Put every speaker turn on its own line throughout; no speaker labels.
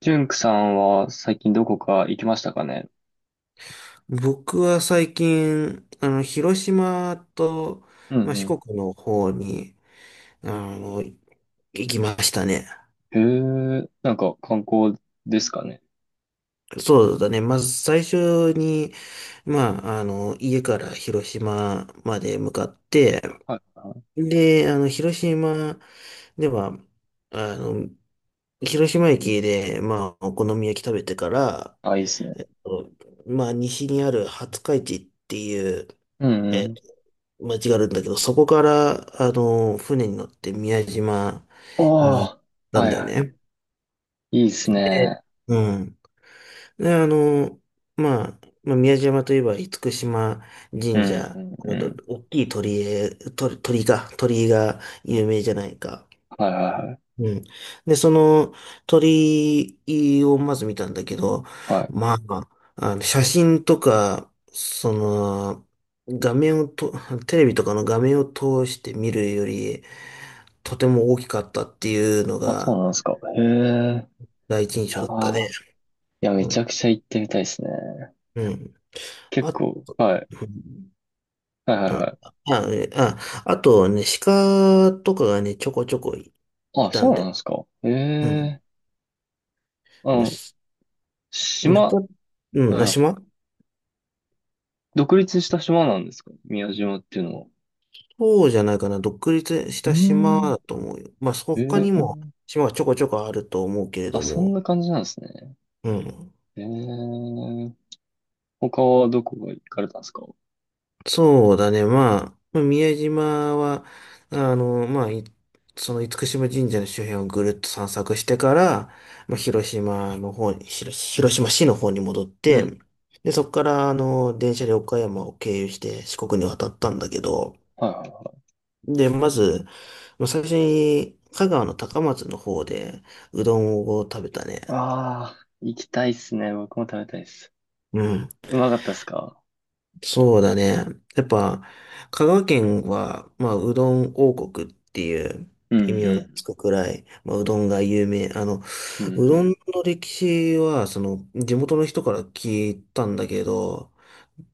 ジュンクさんは最近どこか行きましたかね？
僕は最近、広島と、
う
四
ん
国の方に、あ行きましたね。
うん。へえ、なんか観光ですかね。
そうだね。まず最初に、家から広島まで向かって、
はいはい。
で、広島では、あの、広島駅で、お好み焼き食べてから、
あ、いいっすね。
えっと、西にある廿日市っていう、
うんうん。
間違うんだけど、そこから、船に乗って宮島に行っ
ああ、
た
は
ん
い
だよ
はい。
ね。
いいです
で、
ね。
うん。で、宮島といえば、厳島
う
神社、
んうんう
ど
ん。
大きい鳥居へ、鳥居か、鳥居が有名じゃないか。
はいはいは
うん。で、その鳥をまず見たんだけど、
い。はい。
まあ、あの写真とか、その、画面をと、テレビとかの画面を通して見るより、とても大きかったっていうの
あ、そう
が
なんですか。へえ。
第一印
い
象
や
だった
ー、
ね。
いや、め
う
ちゃ
ん。
くちゃ行ってみたいですね。
うん。
結
あ、
構、はい。
うん
はいはいはい。
えああとね、鹿とかがね、ちょこちょこい
あ、
た
そ
ん
うなん
で。
ですか。へ
うん。
え。あ
まあ、
の、
し
島、は
鹿う
い
ん、な、
はい。
島
独立した島なんですか、宮島っていうのは？
そうじゃないかな。独立し
うー
た島
ん。
だと思うよ。
え
他
え
にも
ー。
島はちょこちょこあると思うけれ
あ、
ど
そんな
も。
感じなんですね。
うん。
ええー。他はどこが行かれたんですか？
そうだね。宮島は、あの、まあ、いその厳島神社の周辺をぐるっと散策してから、広島の方に、広島市の方に戻っ
うん。
て、で、そこから、電車で岡山を経由して四国に渡ったんだけど、
はいはいは
で、まず、最初に、香川の高松の方で、うどんを食べたね。
い。ああ、行きたいっすね。僕も食べたいっす。
うん。
うまかったっすか？
そうだね。やっぱ、香川県は、うどん王国っていう
うん
異名
う
がつ
ん。
くくらい、うどんが有名。
うん
うどん
う
の歴史は、その、地元の人から聞いたんだけど、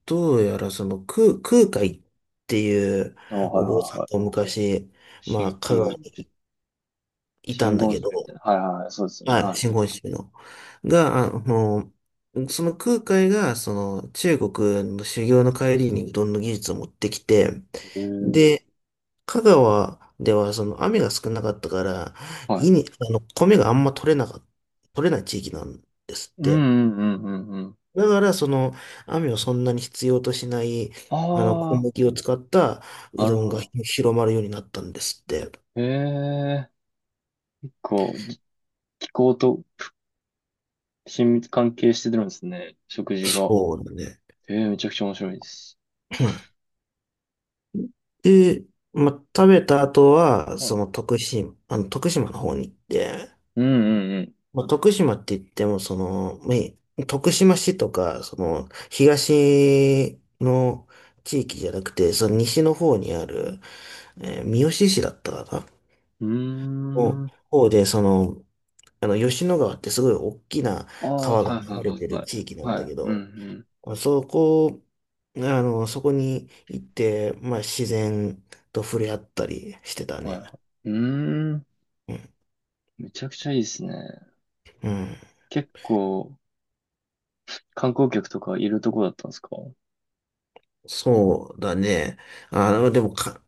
どうやらその、空海っていう
ん。あ、はい
お坊
は
さ
いは
んが
い。
昔、
真
香川
空、
にいた
真言
んだけど、
宗みたいな。はいはいはい。そうですよね。
はい、
は
真言宗の。が、その空海が、その中国の修行の帰りにうどんの技術を持ってきて、
い。へえー。
で、香川ではその雨が少なかったから、
は
い
い。
に、あの、米があんま取れない地域なんですっ
う
て。
んうんうんうんうん。
だから、その、雨をそんなに必要としない、小
あ
麦を使った
あ、
う
なる
どん
ほ
が
ど。
広まるようになったんですって。
へえ。結構、気候と親密関係してるんですね。食事が。
そうだね。
ええ、めちゃくちゃ面白いです。
で、食べた後は、
はい。
徳島の方に行って、
うんうん
徳島って言っても、その、徳島市とか、その、東の地域じゃなくて、その西の方にある、三好市だったかな
うん。うー
の
ん。
方で、その、吉野川ってすごい大きな
ああ、
川が
はい
流
はい
れ
は
て
い
る
はい。
地域なんだ
はい。
け
うん
ど、
う
そこ、そこに行って、自然と触れ合ったりしてた
ん。はい
ね。
はい。うーん。
うん
めちゃくちゃいいですね。
うん、
結構、観光客とかいるとこだったんですか？
そうだね。あ、でもか、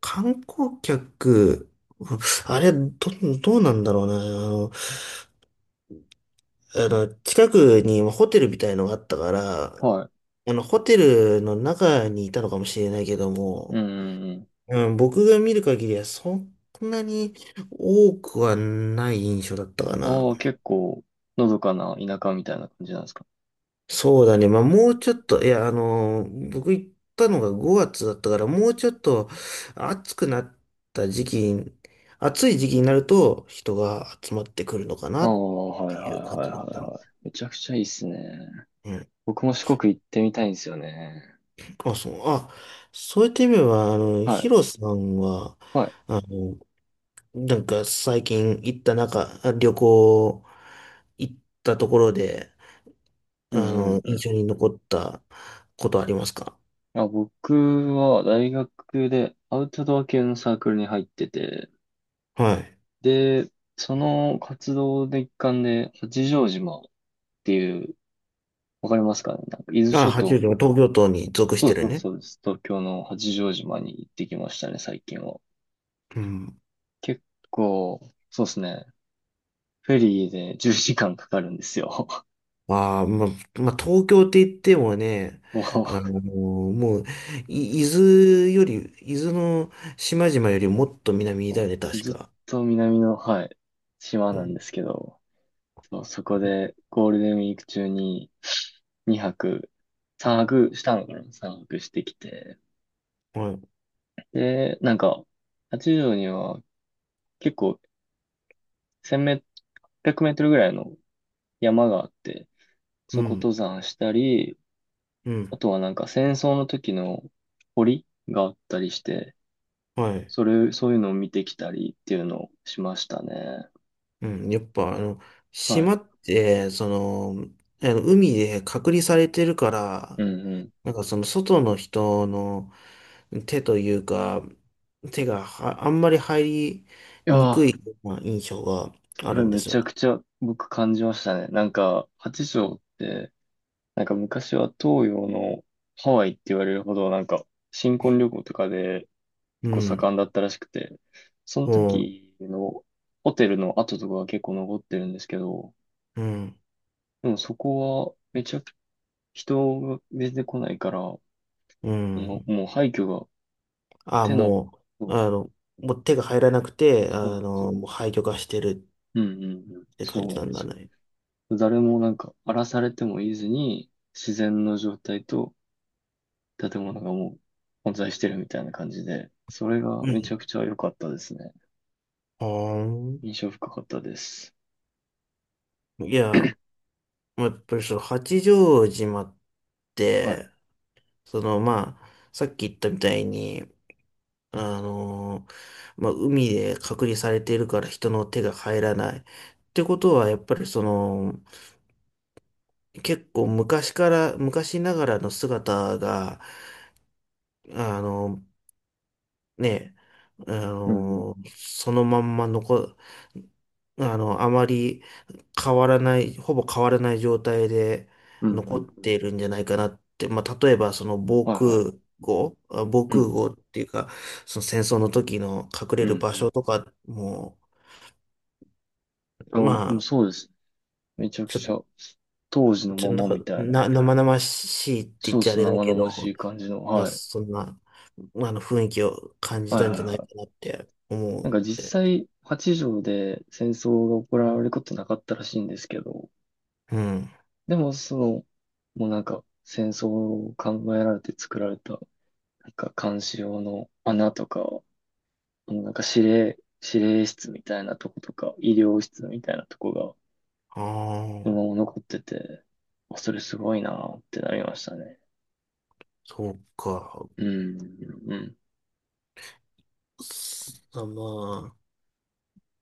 観光客、うんあれ、ど、どうなんだろうな。近くにホテルみたいのがあったから、
はい。
ホテルの中にいたのかもしれないけど
う
も、
んうん
うん、僕が見る限りはそんなに多くはない印象だったか
う
な。
ん。ああ、結構、のどかな田舎みたいな感じなんですか？
そうだね。もうちょっと、いや、僕行ったのが5月だったから、もうちょっと暑くなった時期に、暑い時期になると人が集まってくるのかな
ああ、
っ
はい
て
は
い
い
う感
はい
じだっ
は
た
い
ね。
はい。めちゃくちゃいいっすね。
うん。
僕も四国行ってみたいんですよね。
あ、そう、あ、そういった意味では、
は
ヒ
い。
ロさんは、
はい。
あの、なんか最近行った旅行行ったところで、
うんうんう
印
ん。
象に残ったことありますか？
あ、僕は大学でアウトドア系のサークルに入ってて、
はい。
で、その活動の一環で、八丈島っていう、わかりますかね？なんか伊豆
あ、
諸
八
島
王
の、
子は東京都に属し
そう
てる
そう
ね。
そうです。東京の八丈島に行ってきましたね、最近は。
うん。
結構、そうですね。フェリーで10時間かかるんですよ。
ああ、東京って言ってもね、
も
あのもう、い伊豆より、伊豆の島々よりもっと南だよね、
う、
確
ずっ
か。
と南の、はい、島
う
なん
ん。
ですけど、そう、そこでゴールデンウィーク中に2泊、3泊したのかな？ 3 泊してきて。
はい。
で、なんか、八丈には結構1メ、800メートルぐらいの山があって、
う
そこ
ん。
登山したり、
う
あ
ん。
とはなんか戦争の時の堀があったりして、
はい。
そういうのを見てきたりっていうのをしましたね。
うん。やっぱ、
はい。
島って、その、あの海で隔離されてるか
う
ら、
んうん。い
なんかその外の人の手というか、手はあんまり入り
や
にく
ー、
い、印象が
そ
あ
れ
るんで
め
す
ち
よ。
ゃくちゃ僕感じましたね。なんか、八丈って、なんか昔は東洋のハワイって言われるほど、なんか新婚旅行とかで
う
結構
ん。
盛んだったらしくて、その
うん、
時のホテルの跡とかが結構残ってるんですけど、
うん、
でもそこはめちゃく人が全然来ないから、も
う
う、
ん。
もう廃墟が
あ、
手の、そう、
もう手が入らなくて、
そうなんですよ。
もう廃墟化してる
うんうんうん。
って感
そ
じ
うな
な
んで
んだ
すよ。
ね。
誰もなんか荒らされてもいずに、自然の状態と建物がもう混在してるみたいな感じで、それが
う
めちゃ
ん。
くちゃ良かったですね。印
は
象深かったです。
あ。いや、やっぱりその八丈島っ
はい。
て、そのまあ、さっき言ったみたいに、あの、海で隔離されているから人の手が入らない。ってことは、やっぱりその、結構昔から、昔ながらの姿が、あの、ね、あ
うんうん。
のーそのまんま残、あの、あまり変わらない、ほぼ変わらない状態で
うんう
残
ん
っ
うん。
ているんじゃないかなって、例えばその防
はいは
空
い。
壕、防
う
空
ん
壕っていうか、その戦争の時の隠れ
う
る場所
ん
とかも、
う
ま
ん。あ、うん、
あ、
そうです。めちゃく
ちょ、
ちゃ、当時の
ちょ、
ま
な
ま
んか、
みたいな。
生々しいって言
そ
っ
うで
ちゃあ
す。
れだ
生
けど、
々しい感じの。はい。
そんな、雰囲気を感じ
はい
たん
はい
じゃない
は
かなっ
い。
て思
なん
う。
か実際、八条で戦争が行われることなかったらしいんですけど、
うん。
でもその、もうなんか戦争を考えられて作られた、なんか監視用の穴とか、もうなんか司令室みたいなとことか、医療室みたいなとこが、
あ
そ
あ。
のまま残ってて、あ、それすごいなってなりましたね。
そうか。
うん、うん。
すあ、まあ、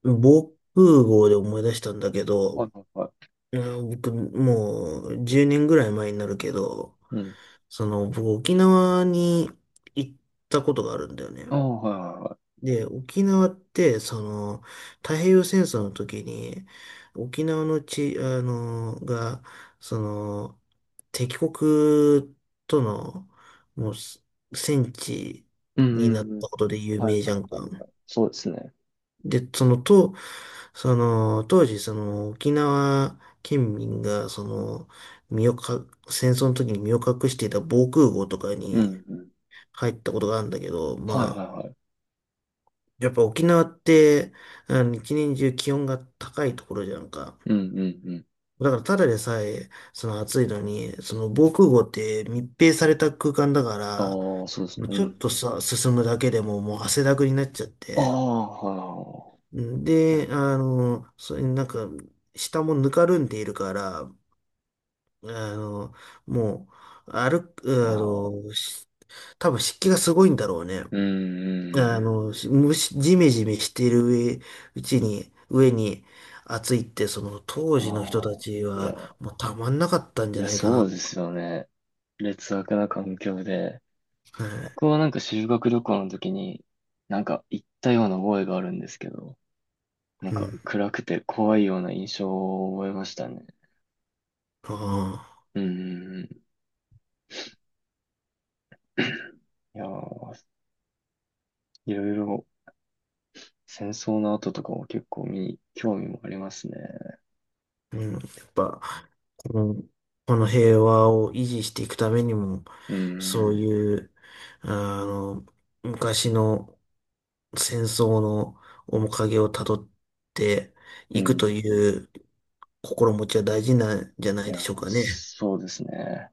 防空壕で思い出したんだけ
はい
ど、
はいはい。
うん僕、もう10年ぐらい前になるけど、
うん。
その、僕、沖縄に行ったことがあるんだよね。
ああ、はいはいはい。
で、沖縄って、その、太平洋戦争の時に、沖縄の地が、その、敵国との、もう、戦地
うん、
に
う
なっ
ん、うん。
たことで有
はいはい
名じゃんか。
はいはい。そうですね。
で、その、当時、その、沖縄県民が、その、身をか、戦争の時に身を隠していた防空壕とか
う
に
ん、うん。
入ったことがあるんだけど、
はいはいはい。
やっぱ沖縄って、一年中気温が高いところじゃんか。
うん、うん、う
だから、ただでさえ、その暑いのに、その防空壕って密閉された空間だか
ん。ああ、そうですね。
ら、
う
ちょっ
ん。
とさ、進むだけでももう汗だくになっちゃっ
あ
て、
あ、は
うん
いはいはい。
で、あ
え
の、それなんか、下もぬかるんでいるから、あの、もう、歩
ー、
く、あ
ああ、
の、し多分湿気がすごいんだろうね。
うん、うん。
蒸し、ジメジメしてる上、うちに、上に暑いって、その当
あ
時の人た
あ、
ち
いや、
は、もうたまんなかったん
い
じゃ
や、
ないか
そ
な。
うですよね。劣悪な環境で。僕
は
はなんか修学旅行の時に、なんか行ったような覚えがあるんですけど、なん
い。う
か
ん。
暗くて怖いような印象を覚えましたね。
あ
うーん。いやー、いろいろ戦争の後とかも結構興味もありますね。
あ。うん。やっぱ、もうこの平和を維持していくためにも、
うー
そう
ん。
いう、あの、昔の戦争の面影をたどって
う
いくと
ん。
いう心持ちは大事なんじゃな
い
いで
や、
しょうかね。
そうですね。